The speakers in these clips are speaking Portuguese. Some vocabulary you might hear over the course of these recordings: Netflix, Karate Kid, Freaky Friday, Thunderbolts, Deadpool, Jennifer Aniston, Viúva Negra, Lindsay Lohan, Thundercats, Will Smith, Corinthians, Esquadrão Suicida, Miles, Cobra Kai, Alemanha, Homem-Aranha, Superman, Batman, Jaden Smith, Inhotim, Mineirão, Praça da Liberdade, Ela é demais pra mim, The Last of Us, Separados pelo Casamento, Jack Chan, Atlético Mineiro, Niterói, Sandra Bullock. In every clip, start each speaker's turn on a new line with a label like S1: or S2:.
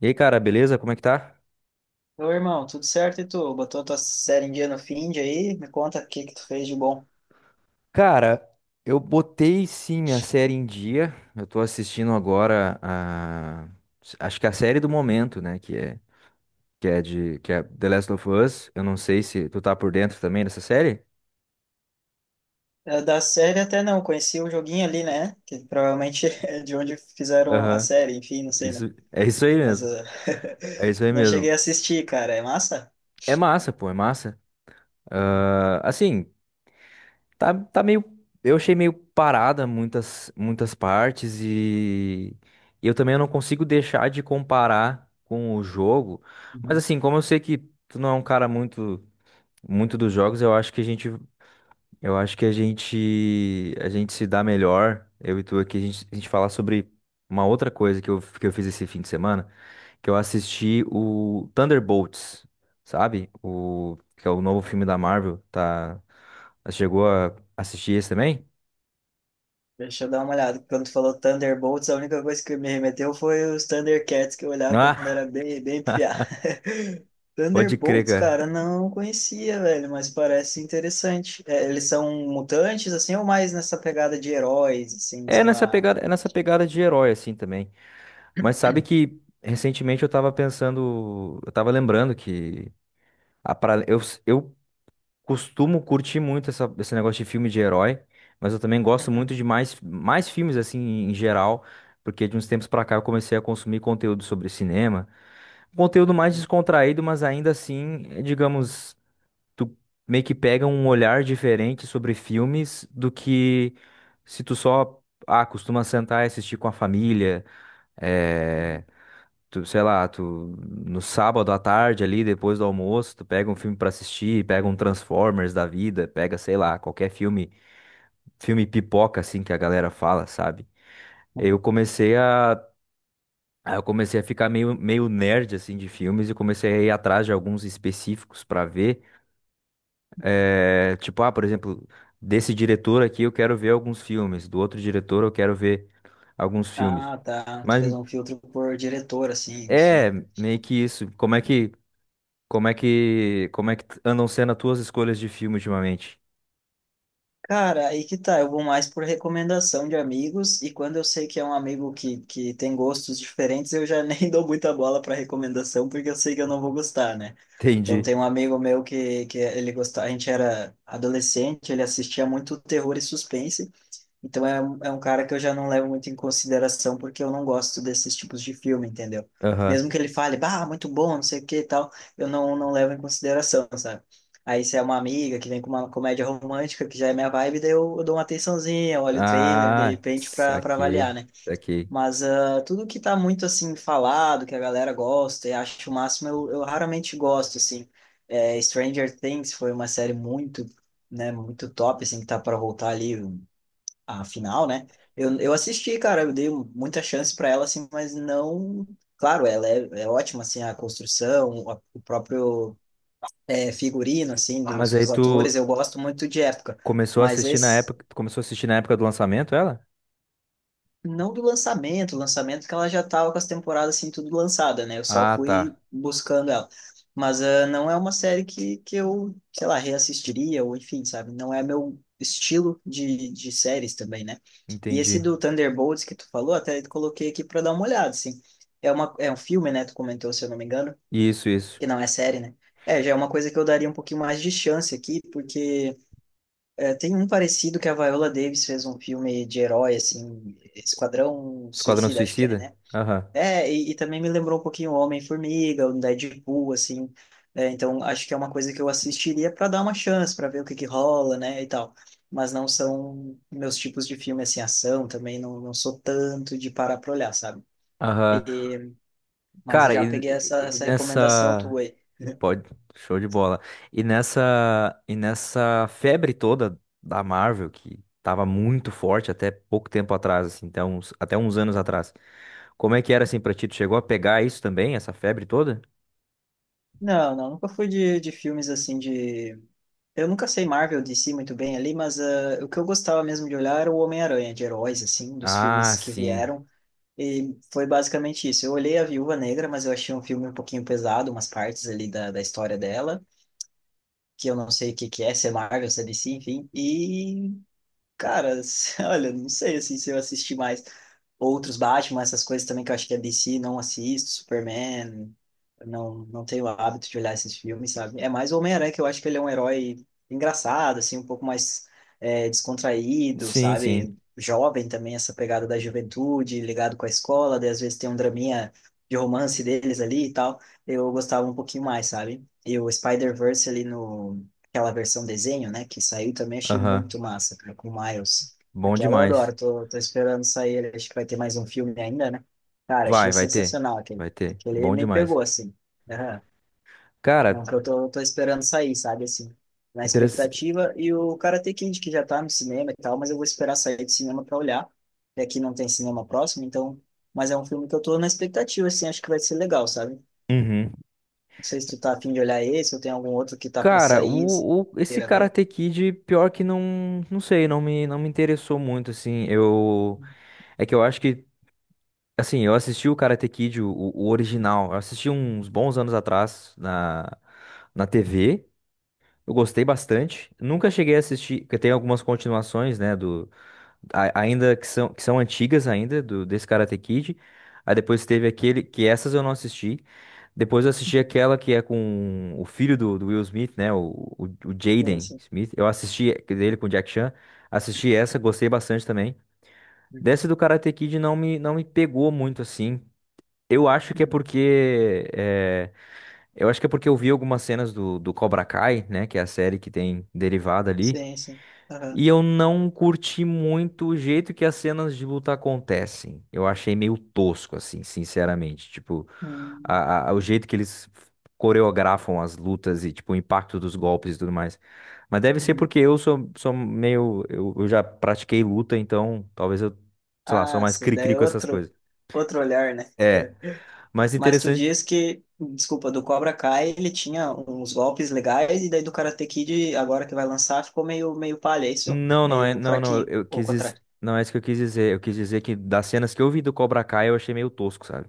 S1: E aí, cara, beleza? Como é que tá?
S2: Oi irmão, tudo certo e tu? Botou tua série em dia no Find aí? Me conta o que que tu fez de bom.
S1: Cara, eu botei sim minha série em dia. Eu tô assistindo agora a. Acho que a série do momento, né? Que é de. Que é The Last of Us. Eu não sei se tu tá por dentro também dessa série.
S2: Da série até não, conheci o joguinho ali, né? Que provavelmente é de onde fizeram a
S1: Aham.
S2: série, enfim, não sei, né?
S1: Isso, é isso aí
S2: Mas
S1: mesmo.
S2: eh,
S1: É isso aí
S2: não cheguei
S1: mesmo.
S2: a assistir, cara. É massa?
S1: É massa, pô, é massa. Ah, assim. Tá, tá meio. Eu achei meio parada muitas partes e eu também não consigo deixar de comparar com o jogo. Mas assim, como eu sei que tu não é um cara muito dos jogos, eu acho que a gente se dá melhor, eu e tu aqui, a gente falar sobre uma outra coisa que eu fiz esse fim de semana que eu assisti o Thunderbolts, sabe? O que é o novo filme da Marvel, tá? Chegou a assistir esse também?
S2: Deixa eu dar uma olhada. Quando tu falou Thunderbolts, a única coisa que me remeteu foi os Thundercats que eu olhava quando
S1: Ah,
S2: era bem piá.
S1: pode crer,
S2: Thunderbolts,
S1: cara.
S2: cara, não conhecia, velho, mas parece interessante. É, eles são mutantes, assim, ou mais nessa pegada de heróis, assim, sei lá.
S1: É nessa pegada de herói assim também. Mas sabe que recentemente eu tava pensando, eu tava lembrando que a pra, eu, eu costumo curtir muito esse negócio de filme de herói, mas eu também gosto muito de mais, mais filmes assim em geral, porque de uns tempos pra cá eu comecei a consumir conteúdo sobre cinema. Conteúdo mais descontraído, mas ainda assim, digamos, tu meio que pega um olhar diferente sobre filmes do que se tu só, ah, costuma sentar e assistir com a família, eh,
S2: Uhum.
S1: tu, sei lá, tu no sábado à tarde ali, depois do almoço, tu pega um filme pra assistir, pega um Transformers da vida, pega, sei lá, qualquer filme, filme pipoca assim que a galera fala, sabe? Eu comecei a Aí eu comecei a ficar meio, meio nerd, assim, de filmes e comecei a ir atrás de alguns específicos pra ver. Tipo, ah, por exemplo, desse diretor aqui eu quero ver alguns filmes, do outro diretor eu quero ver alguns filmes.
S2: Ah, tá. Tu
S1: Mas
S2: fez um filtro por diretor, assim,
S1: é
S2: enfim.
S1: meio que isso. Como é que andam sendo as tuas escolhas de filme ultimamente?
S2: Cara, aí que tá. Eu vou mais por recomendação de amigos, e quando eu sei que é um amigo que tem gostos diferentes, eu já nem dou muita bola para recomendação, porque eu sei que eu não vou gostar, né? Então,
S1: Entendi.
S2: tem um amigo meu que ele gostava, a gente era adolescente, ele assistia muito terror e suspense, então é, é um cara que eu já não levo muito em consideração porque eu não gosto desses tipos de filme, entendeu?
S1: Aham.
S2: Mesmo que ele fale, bah, muito bom, não sei o que e tal, eu não, não levo em consideração, sabe? Aí se é uma amiga que vem com uma comédia romântica, que já é minha vibe, daí eu dou uma atençãozinha, eu olho o trailer, de
S1: Ah,
S2: repente, pra avaliar,
S1: saquei,
S2: né?
S1: saquei.
S2: Mas ah, tudo que tá muito, assim, falado, que a galera gosta e acha o máximo, eu raramente gosto, assim. É, Stranger Things foi uma série muito né, muito top, assim, que tá para voltar ali a final, né? Eu assisti, cara, eu dei muita chance pra ela, assim, mas não. Claro, é ótima, assim, a construção, o próprio é, figurino, assim,
S1: Mas aí
S2: dos
S1: tu
S2: atores, eu gosto muito de época. Mas esse,
S1: começou a assistir na época do lançamento, ela?
S2: não do lançamento, lançamento que ela já estava com as temporadas assim tudo lançada, né? Eu só
S1: Ah,
S2: fui
S1: tá.
S2: buscando ela. Mas ah, não é uma série que eu, sei lá, reassistiria, ou enfim, sabe? Não é meu estilo de séries também, né? E esse
S1: Entendi.
S2: do Thunderbolts que tu falou, até coloquei aqui para dar uma olhada, assim. É um filme, né? Tu comentou, se eu não me engano,
S1: Isso, isso.
S2: que não é série, né? É, já é uma coisa que eu daria um pouquinho mais de chance aqui, porque é, tem um parecido que a Viola Davis fez um filme de herói, assim, Esquadrão
S1: Esquadrão
S2: Suicida, acho que é,
S1: Suicida?
S2: né?
S1: Aham.
S2: E também me lembrou um pouquinho o Homem-Formiga, o Deadpool, assim. É, então, acho que é uma coisa que eu assistiria para dar uma chance, para ver o que que rola, né, e tal. Mas não são meus tipos de filme, assim, ação também, não sou tanto de parar pra olhar, sabe?
S1: Aham.
S2: E, mas eu
S1: Cara,
S2: já peguei
S1: e, e
S2: essa recomendação
S1: nessa.
S2: tua aí.
S1: Pode. Show de bola. E nessa. E nessa febre toda da Marvel, que tava muito forte até pouco tempo atrás, assim, até uns anos atrás. Como é que era assim pra ti? Tu chegou a pegar isso também, essa febre toda?
S2: Não, não, nunca fui de filmes, assim, de eu nunca sei Marvel, DC muito bem ali, mas ah, o que eu gostava mesmo de olhar era o Homem-Aranha, de heróis, assim, dos
S1: Ah,
S2: filmes que
S1: sim.
S2: vieram. E foi basicamente isso. Eu olhei a Viúva Negra, mas eu achei um filme um pouquinho pesado, umas partes ali da história dela, que eu não sei o que que é, se é Marvel, se é DC, enfim. E cara, olha, não sei assim, se eu assisti mais outros Batman, essas coisas também que eu acho que é DC, não assisto, Superman, não tenho o hábito de olhar esses filmes, sabe? É mais o Homem-Aranha, que eu acho que ele é um herói engraçado, assim, um pouco mais é, descontraído,
S1: Sim, sim.
S2: sabe? Jovem também, essa pegada da juventude, ligado com a escola, daí às vezes tem um draminha de romance deles ali e tal. Eu gostava um pouquinho mais, sabe? E o Spider-Verse ali no aquela versão desenho, né, que saiu também, achei
S1: Aham.
S2: muito massa, cara, com o Miles.
S1: Bom
S2: Aquela eu
S1: demais.
S2: adoro, tô esperando sair, acho que vai ter mais um filme ainda, né? Cara, achei
S1: Vai, vai ter.
S2: sensacional aquele.
S1: Vai ter.
S2: Aquele
S1: Bom
S2: me
S1: demais.
S2: pegou, assim. Aham. É um
S1: Cara,
S2: que eu tô esperando sair, sabe, assim, na
S1: interessante.
S2: expectativa. E o Karate Kid, que já tá no cinema e tal, mas eu vou esperar sair do cinema pra olhar. E aqui não tem cinema próximo, então... Mas é um filme que eu tô na expectativa, assim, acho que vai ser legal, sabe? Não sei se tu tá afim de olhar esse ou tem algum outro que tá pra
S1: Cara,
S2: sair, assim,
S1: esse
S2: queira ver.
S1: Karate Kid, pior que não, não sei, não me interessou muito, assim, é que eu acho que, assim, eu assisti o Karate Kid, o original, eu assisti uns bons anos atrás na, na TV, eu gostei bastante, nunca cheguei a assistir, porque tem algumas continuações, né, que são antigas ainda, desse Karate Kid. Aí depois teve aquele, que essas eu não assisti. Depois eu assisti aquela que é com o filho do Will Smith, né? O
S2: Sim,
S1: Jaden
S2: sim.
S1: Smith. Eu assisti a dele com o Jack Chan. Assisti essa, gostei bastante também.
S2: Uhum,
S1: Dessa do Karate Kid não me pegou muito assim. Eu acho que é
S2: uhum.
S1: porque. é, eu acho que é porque eu vi algumas cenas do Cobra Kai, né? Que é a série que tem derivada ali.
S2: Sim, sim. Aham.
S1: E eu não curti muito o jeito que as cenas de luta acontecem. Eu achei meio tosco, assim, sinceramente. Tipo,
S2: Hum,
S1: o jeito que eles coreografam as lutas e, tipo, o impacto dos golpes e tudo mais. Mas deve ser
S2: uhum.
S1: porque eu sou meio. Eu já pratiquei luta, então sei lá, sou
S2: Ah,
S1: mais
S2: sim, daí
S1: cri-cri
S2: é
S1: com essas
S2: outro,
S1: coisas.
S2: outro olhar, né?
S1: É, mas
S2: Mas tu
S1: interessante.
S2: diz que, desculpa, do Cobra Kai ele tinha uns golpes legais e daí do Karate Kid, agora que vai lançar, ficou meio palha, é isso?
S1: Não, não é,
S2: Meio
S1: não, não,
S2: fraquinho,
S1: eu
S2: ou ao
S1: quis,
S2: contrário.
S1: não é isso que eu quis dizer. Eu quis dizer que das cenas que eu vi do Cobra Kai eu achei meio tosco, sabe?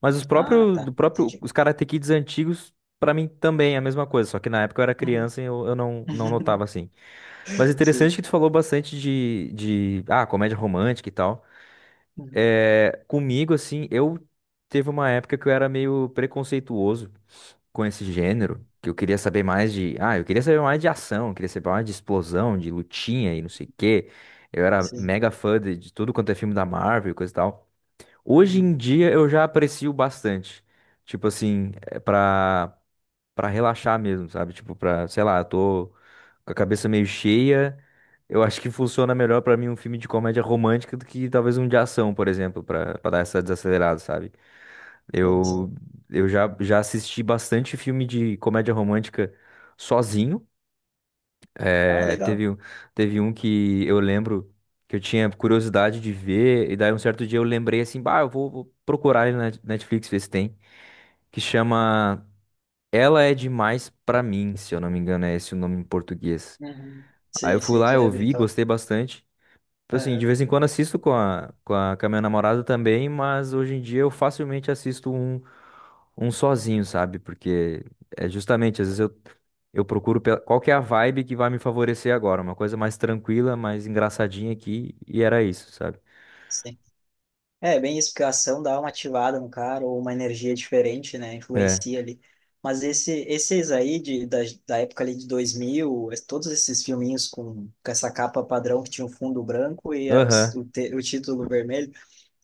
S1: Mas os
S2: Ah,
S1: próprios, do
S2: tá,
S1: próprio,
S2: entendi.
S1: os Karate Kids antigos, pra mim também é a mesma coisa, só que na época eu era
S2: Uhum.
S1: criança e eu não, não notava assim. Mas interessante
S2: Sim.
S1: que tu falou bastante ah, comédia romântica e tal.
S2: Uhum.
S1: É, comigo, assim, eu teve uma época que eu era meio preconceituoso com esse gênero, que eu queria saber mais de, ah, eu queria saber mais de ação, eu queria saber mais de explosão, de lutinha e não sei o quê. Eu era
S2: Sim.
S1: mega fã de tudo quanto é filme da Marvel e coisa e tal. Hoje
S2: Uhum.
S1: em dia eu já aprecio bastante. Tipo assim, é pra. Pra relaxar mesmo, sabe? Tipo, pra, sei lá, eu tô com a cabeça meio cheia. Eu acho que funciona melhor pra mim um filme de comédia romântica do que talvez um de ação, por exemplo, pra, pra dar essa desacelerada, sabe?
S2: Sim, sim.
S1: Eu, já assisti bastante filme de comédia romântica sozinho.
S2: Ah,
S1: É,
S2: legal.
S1: teve, um- teve um que eu lembro que eu tinha curiosidade de ver, e daí um certo dia eu lembrei assim, bah, vou procurar ele na Netflix, ver se tem, que chama ela é demais pra mim, se eu não me engano, é esse o nome em português.
S2: Uhum.
S1: Aí eu
S2: Sim,
S1: fui
S2: sim,
S1: lá, eu
S2: já vi,
S1: ouvi,
S2: então.
S1: gostei bastante. Tipo assim,
S2: Aham,
S1: de vez em quando assisto com a minha namorada também, mas hoje em dia eu facilmente assisto um sozinho, sabe? Porque é justamente, eu procuro qual que é a vibe que vai me favorecer agora. Uma coisa mais tranquila, mais engraçadinha aqui, e era isso, sabe?
S2: sim. É, bem isso, porque a ação dá uma ativada no cara, ou uma energia diferente, né?
S1: É.
S2: Influencia ali. Mas esse, esses aí, da época ali de 2000, todos esses filminhos com essa capa padrão que tinha o fundo branco e a, o,
S1: Aham.
S2: o título vermelho,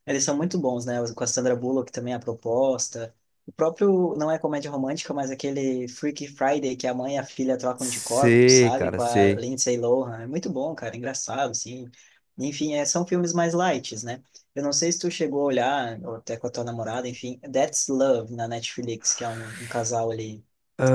S2: eles são muito bons, né? Com a Sandra Bullock também, a proposta. O próprio, não é comédia romântica, mas aquele Freaky Friday que a mãe e a filha trocam de corpo,
S1: Sei,
S2: sabe?
S1: cara,
S2: Com a
S1: sei.
S2: Lindsay Lohan. É muito bom, cara. Engraçado, assim. Enfim, é, são filmes mais light né? Eu não sei se tu chegou a olhar, ou até com a tua namorada, enfim, That's Love na Netflix, que é um casal ali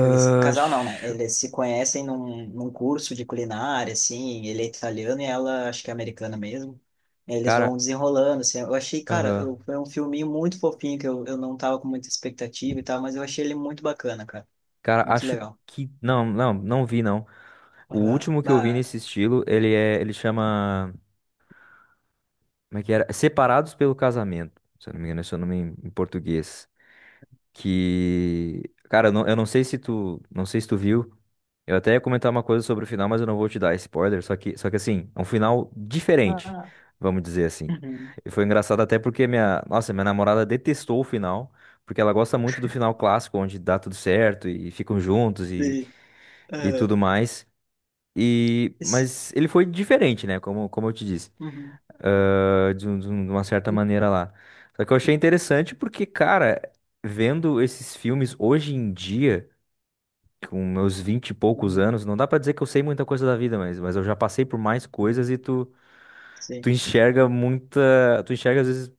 S2: eles, casal não, né?
S1: chu-
S2: Eles se conhecem num curso de culinária, assim, ele é italiano e ela, acho que é americana mesmo. Eles vão
S1: cara,
S2: desenrolando, assim. Eu achei, cara,
S1: aham.
S2: eu, foi um filminho muito fofinho que eu não tava com muita expectativa e tal, mas eu achei ele muito bacana, cara.
S1: Cara,
S2: Muito
S1: acho
S2: legal.
S1: que. Não, não, não vi, não. O
S2: Aham.
S1: último que eu vi
S2: Bah.
S1: nesse estilo, ele é. Ele chama. Como é que era? Separados pelo Casamento. Se eu não me engano, esse é o nome em em português. Que. Cara, eu não sei se tu. Não sei se tu viu. Eu até ia comentar uma coisa sobre o final, mas eu não vou te dar spoiler. Só que assim, é um final diferente,
S2: Ah.
S1: vamos dizer assim.
S2: Uhum.
S1: E foi engraçado até porque minha. Nossa, minha namorada detestou o final. Porque ela gosta muito do final clássico, onde dá tudo certo e ficam juntos
S2: Sim.
S1: e
S2: Aham.
S1: tudo mais. E,
S2: Isso.
S1: mas ele foi diferente, né? Como, como eu te disse,
S2: Uhum.
S1: de uma certa maneira lá. Só que eu achei interessante porque, cara, vendo esses filmes hoje em dia, com meus vinte e poucos
S2: Uhum.
S1: anos, não dá pra dizer que eu sei muita coisa da vida, mas eu já passei por mais coisas
S2: Uhum.
S1: e tu,
S2: Sim,
S1: tu enxerga às vezes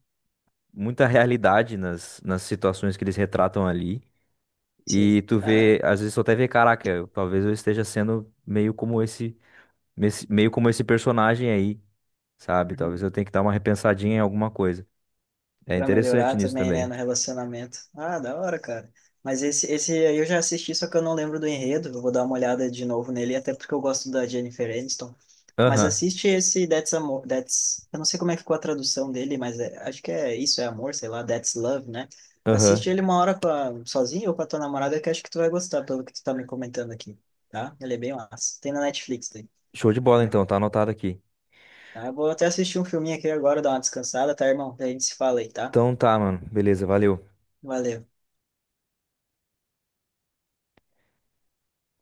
S1: muita realidade nas situações que eles retratam ali.
S2: sim.
S1: E tu
S2: Ah.
S1: vê, às vezes tu até vê, caraca, talvez eu esteja sendo meio como meio como esse personagem aí. Sabe? Talvez
S2: Uhum.
S1: eu tenha que dar uma repensadinha em alguma coisa. É
S2: Pra melhorar
S1: interessante nisso
S2: também, né,
S1: também.
S2: no relacionamento. Ah, da hora, cara. Mas esse aí eu já assisti, só que eu não lembro do enredo. Eu vou dar uma olhada de novo nele, até porque eu gosto da Jennifer Aniston. Mas
S1: Aham,
S2: assiste esse That's... Eu não sei como é que ficou a tradução dele, mas acho que é Isso é Amor, sei lá, That's Love, né?
S1: aham.
S2: Assiste ele uma hora com sozinho ou com a tua namorada, que acho que tu vai gostar, pelo que tu tá me comentando aqui, tá? Ele é bem massa. Tem na Netflix daí
S1: Show de bola
S2: também.
S1: então, tá anotado aqui.
S2: Tá, eu vou até assistir um filminho aqui agora, dar uma descansada, tá, irmão? Daí a gente se fala aí, tá?
S1: Então tá, mano. Beleza, valeu.
S2: Valeu.